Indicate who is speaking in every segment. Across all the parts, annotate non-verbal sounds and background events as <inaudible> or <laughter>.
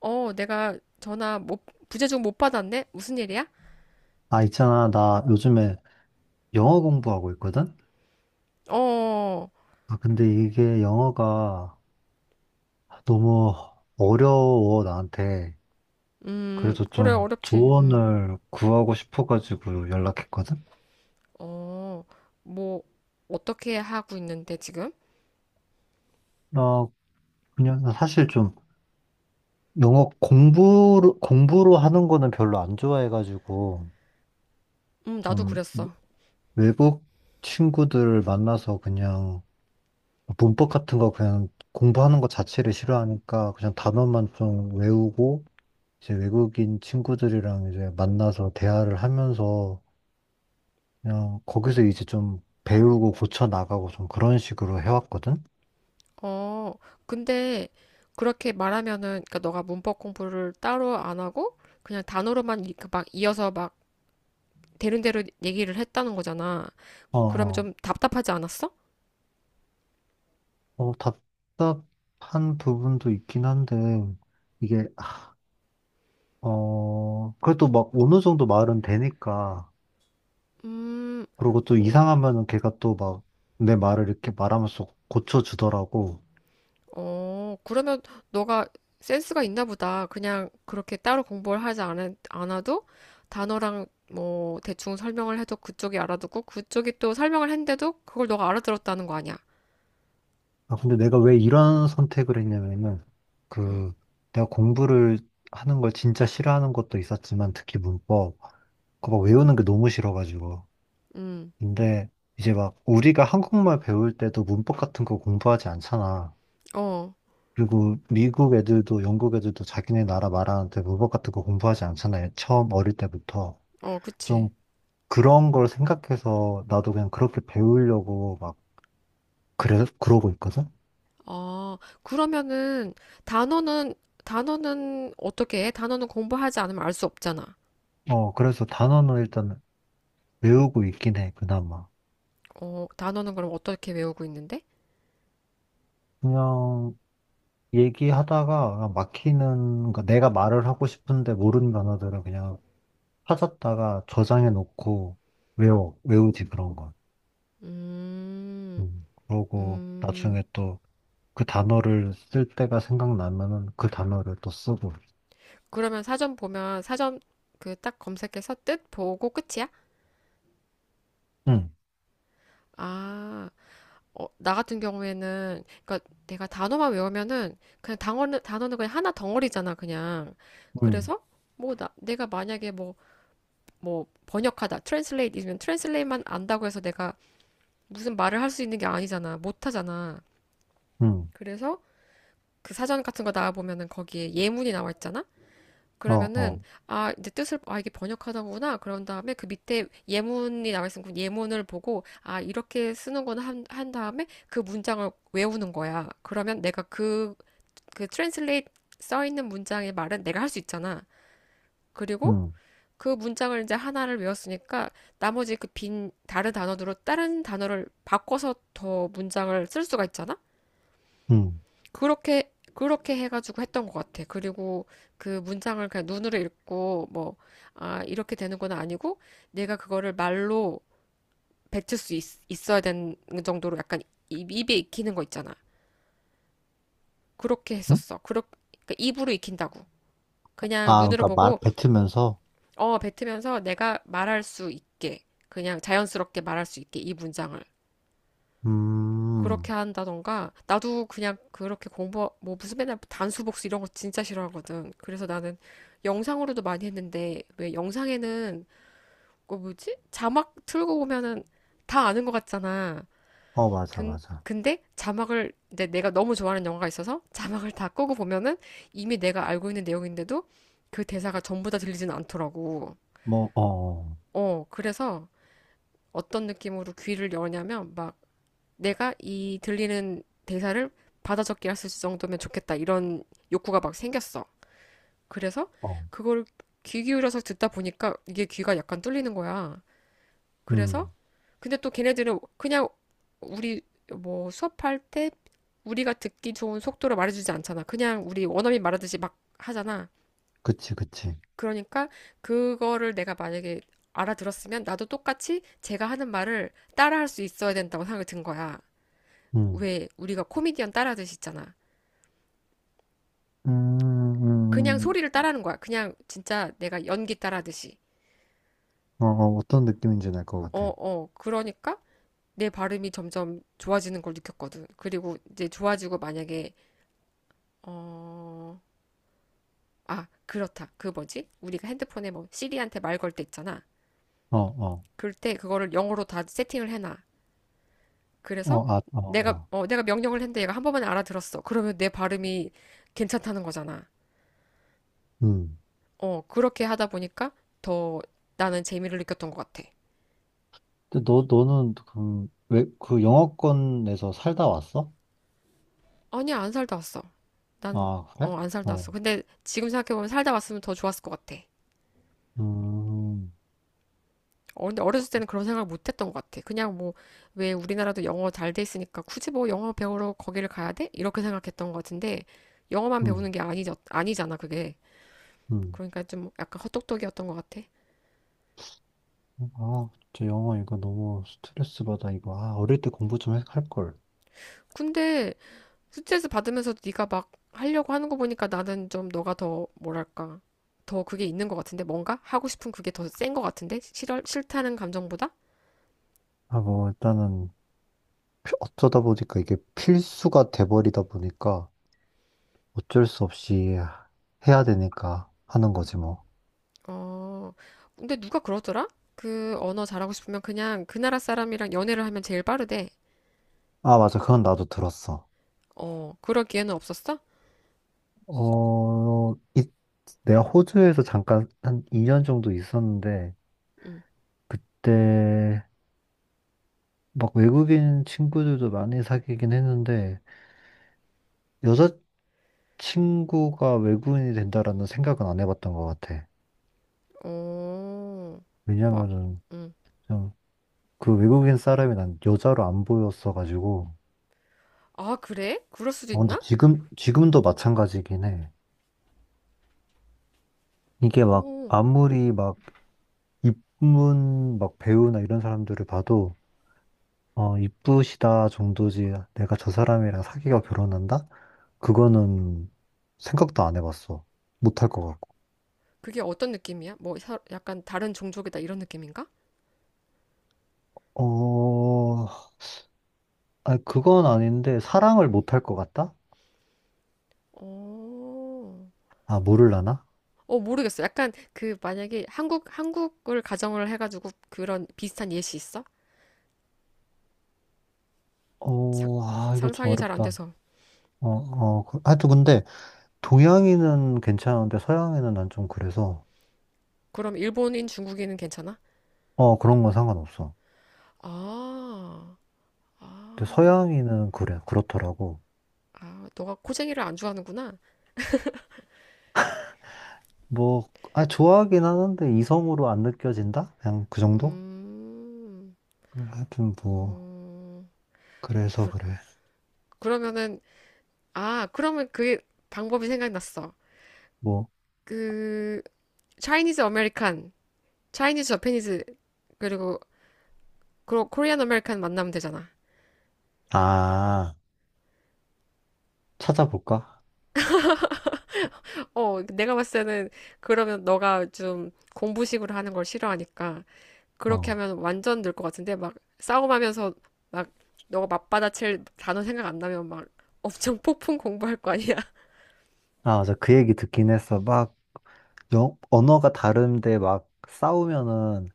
Speaker 1: 어, 내가 전화 못, 부재중 못 받았네? 무슨 일이야?
Speaker 2: 아, 있잖아. 나 요즘에 영어 공부하고 있거든?
Speaker 1: 어,
Speaker 2: 아, 근데 이게 영어가 너무 어려워, 나한테. 그래서
Speaker 1: 그래,
Speaker 2: 좀
Speaker 1: 어렵지.
Speaker 2: 조언을 구하고 싶어가지고 연락했거든?
Speaker 1: 어, 뭐, 어떻게 하고 있는데, 지금?
Speaker 2: 나 나 사실 좀 영어 공부로 하는 거는 별로 안 좋아해가지고
Speaker 1: 나도
Speaker 2: 좀
Speaker 1: 그랬어.
Speaker 2: 외국 친구들 만나서 그냥 문법 같은 거 그냥 공부하는 것 자체를 싫어하니까 그냥 단어만 좀 외우고 이제 외국인 친구들이랑 이제 만나서 대화를 하면서 그냥 거기서 이제 좀 배우고 고쳐 나가고 좀 그런 식으로 해왔거든?
Speaker 1: 어, 근데, 그렇게 말하면은, 그니까 너가 문법 공부를 따로 안 하고, 그냥 단어로만 그막 이어서 막 되는 대로 얘기를 했다는 거잖아.
Speaker 2: 어,
Speaker 1: 그러면
Speaker 2: 어,
Speaker 1: 좀 답답하지 않았어?
Speaker 2: 어, 답답한 부분도 있긴 한데 이게, 그래도 막 어느 정도 말은 되니까
Speaker 1: 음,
Speaker 2: 그리고 또
Speaker 1: 어,
Speaker 2: 이상하면은 걔가 또 막 내 말을 이렇게 말하면서 고쳐주더라고.
Speaker 1: 어, 그러면 너가 센스가 있나 보다. 그냥 그렇게 따로 공부를 하지 않아도 단어랑 뭐 대충 설명을 해도 그쪽이 알아듣고 그쪽이 또 설명을 했는데도 그걸 너가 알아들었다는 거 아니야.
Speaker 2: 아, 근데 내가 왜 이런 선택을 했냐면은,
Speaker 1: 음,
Speaker 2: 그, 내가 공부를 하는 걸 진짜 싫어하는 것도 있었지만, 특히 문법, 그거 막 외우는 게 너무 싫어가지고.
Speaker 1: 음,
Speaker 2: 근데 이제 막 우리가 한국말 배울 때도 문법 같은 거 공부하지 않잖아.
Speaker 1: 어,
Speaker 2: 그리고 미국 애들도 영국 애들도 자기네 나라 말하는데 문법 같은 거 공부하지 않잖아요. 처음 어릴 때부터.
Speaker 1: 어, 그치.
Speaker 2: 좀 그런 걸 생각해서 나도 그냥 그렇게 배우려고 막, 그래, 그러고 있거든?
Speaker 1: 아, 그러면은 단어는, 단어는 어떻게 해? 단어는 공부하지 않으면 알 수 없잖아.
Speaker 2: 어, 그래서 단어는 일단 외우고 있긴 해, 그나마.
Speaker 1: 어, 단어는 그럼 어떻게 외우고 있는데?
Speaker 2: 그냥 얘기하다가 그냥 막히는, 거, 내가 말을 하고 싶은데 모르는 단어들은 그냥 찾았다가 저장해 놓고 외워, 외우지 그런 건.
Speaker 1: 음,
Speaker 2: 그러고
Speaker 1: 음.
Speaker 2: 나중에 또 그 단어를 쓸 때가 생각나면은 그 단어를 또 쓰고.
Speaker 1: 그러면 사전 보면 사전 그 딱 검색해서 뜻 보고 끝이야?
Speaker 2: 응,
Speaker 1: 아, 어, 나 같은 경우에는 그러니까 내가 단어만 외우면은 그냥 단어는 그냥 하나 덩어리잖아, 그냥.
Speaker 2: 응,
Speaker 1: 그래서 뭐 내가 만약에 뭐 번역하다, 트랜슬레이트면 트랜슬레이트만 안다고 해서 내가 무슨 말을 할 수 있는 게 아니잖아. 못 하잖아.
Speaker 2: 응,
Speaker 1: 그래서 그 사전 같은 거 나와 보면은 거기에 예문이 나와 있잖아.
Speaker 2: 어,
Speaker 1: 그러면은
Speaker 2: 어,
Speaker 1: 아, 내 뜻을 아 이게 번역하던구나. 그런 다음에 그 밑에 예문이 나와 있으면 그 예문을 보고 아, 이렇게 쓰는구나 한 다음에 그 문장을 외우는 거야. 그러면 내가 그 트랜슬레이트 써 있는 문장의 말은 내가 할 수 있잖아. 그리고
Speaker 2: 응,
Speaker 1: 그 문장을 이제 하나를 외웠으니까 나머지 그 빈 다른 단어로 다른 단어를 바꿔서 더 문장을 쓸 수가 있잖아.
Speaker 2: 응.
Speaker 1: 그렇게 그렇게 해가지고 했던 것 같아. 그리고 그 문장을 그냥 눈으로 읽고 뭐, 아, 이렇게 되는 건 아니고 내가 그거를 말로 뱉을 수 있어야 되는 정도로 약간 입에 익히는 거 있잖아. 그렇게
Speaker 2: 응?
Speaker 1: 했었어. 그러니까 입으로 익힌다고. 그냥
Speaker 2: 아,
Speaker 1: 눈으로
Speaker 2: 그러니까 말
Speaker 1: 보고
Speaker 2: 뱉으면서,
Speaker 1: 어, 뱉으면서 내가 말할 수 있게 그냥 자연스럽게 말할 수 있게 이 문장을.
Speaker 2: 음,
Speaker 1: 그렇게 한다던가 나도 그냥 그렇게 공부 뭐 무슨 맨날 단수 복수 이런 거 진짜 싫어하거든. 그래서 나는 영상으로도 많이 했는데 왜 영상에는 그 뭐지? 자막 틀고 보면은 다 아는 것 같잖아.
Speaker 2: 어, 맞아,
Speaker 1: 근
Speaker 2: 맞아.
Speaker 1: 근데 자막을 내가 너무 좋아하는 영화가 있어서 자막을 다 끄고 보면은 이미 내가 알고 있는 내용인데도 그 대사가 전부 다 들리진 않더라고.
Speaker 2: 뭐, 어, 어,
Speaker 1: 어, 그래서 어떤 느낌으로 귀를 여냐면 막 내가 이 들리는 대사를 받아 적기 할수 있을 정도면 좋겠다. 이런 욕구가 막 생겼어. 그래서
Speaker 2: 어,
Speaker 1: 그걸 귀 기울여서 듣다 보니까 이게 귀가 약간 뚫리는 거야. 그래서
Speaker 2: 음,
Speaker 1: 근데 또 걔네들은 그냥 우리 뭐 수업할 때 우리가 듣기 좋은 속도로 말해주지 않잖아. 그냥 우리 원어민 말하듯이 막 하잖아.
Speaker 2: 그치, 그치.
Speaker 1: 그러니까 그거를 내가 만약에 알아들었으면 나도 똑같이 제가 하는 말을 따라할 수 있어야 된다고 생각이 든 거야.
Speaker 2: 음,
Speaker 1: 왜 우리가 코미디언 따라하듯이 있잖아.
Speaker 2: 음,
Speaker 1: 그냥
Speaker 2: 음, 음.
Speaker 1: 소리를 따라하는 거야. 그냥 진짜 내가 연기 따라하듯이.
Speaker 2: 어, 어, 어떤 느낌인지 알 것
Speaker 1: 어,
Speaker 2: 같아.
Speaker 1: 어. 그러니까 내 발음이 점점 좋아지는 걸 느꼈거든. 그리고 이제 좋아지고 만약에 어, 아, 그렇다. 그 뭐지? 우리가 핸드폰에 뭐 시리한테 말 걸 때 있잖아.
Speaker 2: 어, 어,
Speaker 1: 그럴 때 그거를 영어로 다 세팅을 해놔. 그래서
Speaker 2: 어, 아, 어,
Speaker 1: 내가
Speaker 2: 어.
Speaker 1: 어, 내가 명령을 했는데 얘가 한 번만에 알아들었어. 그러면 내 발음이 괜찮다는 거잖아.
Speaker 2: 음.
Speaker 1: 어, 그렇게 하다 보니까 더 나는 재미를 느꼈던 것 같아.
Speaker 2: 근데 너는 그, 왜, 그 영어권에서 살다 왔어?
Speaker 1: 아니, 안 살다 왔어. 난,
Speaker 2: 아, 그래?
Speaker 1: 안 살다
Speaker 2: 어,
Speaker 1: 왔어. 근데 지금 생각해보면 살다 왔으면 더 좋았을 것 같아.
Speaker 2: 음,
Speaker 1: 어, 근데 어렸을 때는 그런 생각을 못 했던 것 같아. 그냥 뭐, 왜 우리나라도 영어 잘 돼 있으니까 굳이 뭐 영어 배우러 거기를 가야 돼? 이렇게 생각했던 것 같은데, 영어만
Speaker 2: 음,
Speaker 1: 배우는 게 아니, 아니잖아, 그게.
Speaker 2: 음.
Speaker 1: 그러니까 좀 약간 헛똑똑이었던 것 같아.
Speaker 2: 아, 진짜 영어 이거 너무 스트레스 받아, 이거. 아, 어릴 때 공부 좀 할걸.
Speaker 1: 근데 스트레스 받으면서 네가 막 하려고 하는 거 보니까 나는 좀 너가 더, 뭐랄까. 더 그게 있는 것 같은데 뭔가 하고 싶은 그게 더 센 것 같은데 싫어, 싫다는 감정보다
Speaker 2: 아, 뭐, 일단은 어쩌다 보니까 이게 필수가 돼버리다 보니까 어쩔 수 없이 해야 되니까 하는 거지, 뭐.
Speaker 1: 어, 근데 누가 그러더라? 그 언어 잘하고 싶으면 그냥 그 나라 사람이랑 연애를 하면 제일 빠르대.
Speaker 2: 아, 맞아. 그건 나도 들었어.
Speaker 1: 어, 그럴 기회는 없었어?
Speaker 2: 어, 내가 호주에서 잠깐 한 2년 정도 있었는데,
Speaker 1: 응.
Speaker 2: 그때 막 외국인 친구들도 많이 사귀긴 했는데, 여자친구가 외국인이 된다라는 생각은 안 해봤던 것 같아.
Speaker 1: 어, 막,
Speaker 2: 왜냐면은
Speaker 1: 응.
Speaker 2: 좀 그 외국인 사람이 난 여자로 안 보였어가지고.
Speaker 1: 아, 그래? 그럴 수도
Speaker 2: 어, 근데
Speaker 1: 있나?
Speaker 2: 지금도 마찬가지긴 해. 이게 막
Speaker 1: 어,
Speaker 2: 아무리 막 입문 막 배우나 이런 사람들을 봐도 어, 이쁘시다 정도지. 내가 저 사람이랑 사귀어 결혼한다? 그거는 생각도 안 해봤어. 못할 것 같고.
Speaker 1: 그게 어떤 느낌이야? 뭐, 약간 다른 종족이다 이런 느낌인가?
Speaker 2: 어, 아, 그건 아닌데, 사랑을 못할 것 같다?
Speaker 1: 어,
Speaker 2: 아, 모를라나?
Speaker 1: 어, 모르겠어. 약간 그 만약에 한국을 가정을 해가지고 그런 비슷한 예시 있어? 상,
Speaker 2: 어, 아, 이거 좀
Speaker 1: 상상이 잘 안
Speaker 2: 어렵다.
Speaker 1: 돼서.
Speaker 2: 어, 어, 하여튼 근데, 동양인은 괜찮은데, 서양인은 난 좀 그래서,
Speaker 1: 그럼 일본인, 중국인은 괜찮아?
Speaker 2: 어, 그런 건 상관없어.
Speaker 1: 아.
Speaker 2: 근데
Speaker 1: 아,
Speaker 2: 서양인은 그래, 그렇더라고.
Speaker 1: 아, 너가 코쟁이를 안 좋아하는구나.
Speaker 2: 뭐, 아, 좋아하긴 하는데, 이성으로 안 느껴진다? 그냥 그 정도?
Speaker 1: 음,
Speaker 2: 하여튼 뭐.
Speaker 1: 어,
Speaker 2: 그래서
Speaker 1: 그,
Speaker 2: 그래.
Speaker 1: 그러면은, 아, 그러면 그 방법이 생각났어.
Speaker 2: 뭐,
Speaker 1: 그, 차이니즈 아메리칸, 차이니즈 저페니즈, 그리고, 그리고 코리안 아메리칸 만나면 되잖아.
Speaker 2: 아, 찾아볼까?
Speaker 1: 어, 내가 봤을 때는 그러면 너가 좀 공부식으로 하는 걸 싫어하니까 그렇게
Speaker 2: 어.
Speaker 1: 하면 완전 늘 것 같은데 막 싸움하면서 막 너가 맞받아칠 단어 생각 안 나면 막 엄청 폭풍 공부할 거 아니야?
Speaker 2: 아, 맞아. 그 얘기 듣긴 했어. 막, 영, 언어가 다른데 막 싸우면은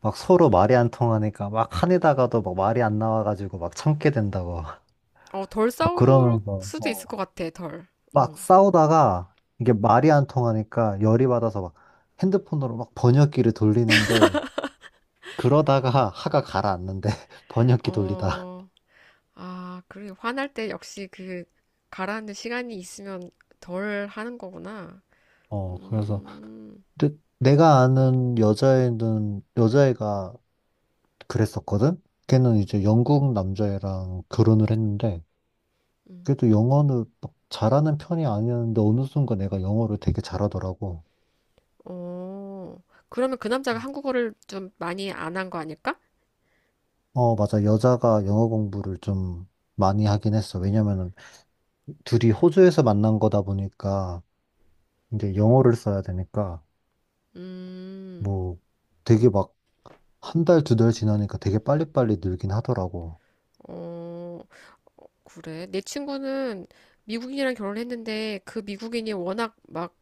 Speaker 2: 막 서로 말이 안 통하니까 막 화내다가도 막 말이 안 나와가지고 막 참게 된다고.
Speaker 1: 어, 덜
Speaker 2: <laughs> 막
Speaker 1: 싸울
Speaker 2: 그러면서,
Speaker 1: 수도 있을
Speaker 2: 어.
Speaker 1: 것 같아, 덜.
Speaker 2: 막
Speaker 1: 음.
Speaker 2: 싸우다가 이게 말이 안 통하니까 열이 받아서 막 핸드폰으로 막 번역기를 돌리는데 그러다가 화가 가라앉는데 <laughs> 번역기 돌리다.
Speaker 1: 어, 아, 그래. 화날 때 역시 그 가라앉는 시간이 있으면 덜 하는 거구나.
Speaker 2: 어, 그래서
Speaker 1: 음,
Speaker 2: 근데 내가 아는 여자애는, 여자애가 그랬었거든? 걔는 이제 영국 남자애랑 결혼을 했는데,
Speaker 1: 음.
Speaker 2: 그래도 영어는 막 잘하는 편이 아니었는데, 어느 순간 내가 영어를 되게 잘하더라고.
Speaker 1: 어, 그러면 그 남자가 한국어를 좀 많이 안 한 거 아닐까?
Speaker 2: 어, 맞아. 여자가 영어 공부를 좀 많이 하긴 했어. 왜냐면은 둘이 호주에서 만난 거다 보니까, 이제 영어를 써야 되니까,
Speaker 1: 음,
Speaker 2: 뭐, 되게 막 한 달, 두 달 지나니까 되게 빨리빨리 늘긴 하더라고.
Speaker 1: 어, 그래. 내 친구는 미국인이랑 결혼했는데 그 미국인이 워낙 막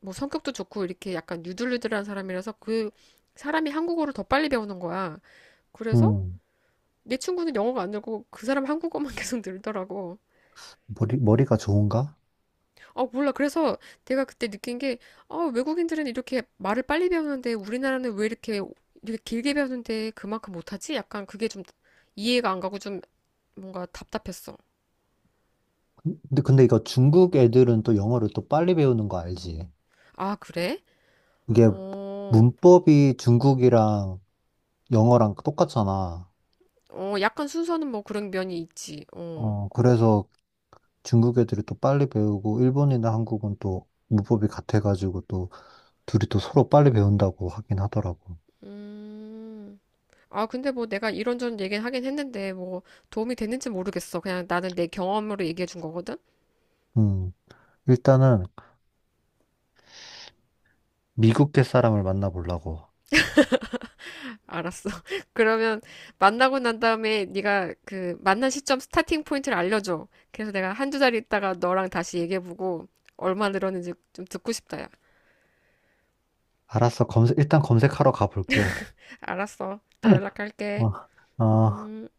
Speaker 1: 뭐 성격도 좋고 이렇게 약간 유들유들한 사람이라서 그 사람이 한국어를 더 빨리 배우는 거야. 그래서
Speaker 2: 음,
Speaker 1: 내 친구는 영어가 안 늘고 그 사람 한국어만 <laughs> 계속 늘더라고.
Speaker 2: 머리가 좋은가?
Speaker 1: 아, 몰라. 그래서 내가 그때 느낀 게, 아, 외국인들은 이렇게 말을 빨리 배우는데 우리나라는 왜 이렇게 길게 배우는데 그만큼 못하지? 약간 그게 좀 이해가 안 가고 좀 뭔가 답답했어.
Speaker 2: 근데 이거 중국 애들은 또 영어를 또 빨리 배우는 거 알지?
Speaker 1: 아, 그래?
Speaker 2: 이게
Speaker 1: 어,
Speaker 2: 문법이 중국이랑 영어랑 똑같잖아.
Speaker 1: 어, 약간 순서는 뭐 그런 면이 있지. 어,
Speaker 2: 어, 그래서 중국 애들이 또 빨리 배우고 일본이나 한국은 또 문법이 같아가지고 또 둘이 또 서로 빨리 배운다고 하긴 하더라고.
Speaker 1: 음. 아, 근데 뭐 내가 이런저런 얘기는 하긴 했는데 뭐 도움이 됐는지 모르겠어. 그냥 나는 내 경험으로 얘기해 준 거거든?
Speaker 2: 음, 일단은 미국계 사람을 만나보려고.
Speaker 1: 알았어. <laughs> 그러면 만나고 난 다음에 네가 그 만난 시점 스타팅 포인트를 알려줘. 그래서 내가 한 2달 있다가 너랑 다시 얘기해보고 얼마 늘었는지 좀 듣고 싶다, 야.
Speaker 2: 알았어, 검색, 일단 검색하러 가볼게.
Speaker 1: 알았어. 또
Speaker 2: 어,
Speaker 1: 연락할게.
Speaker 2: 어.
Speaker 1: 음.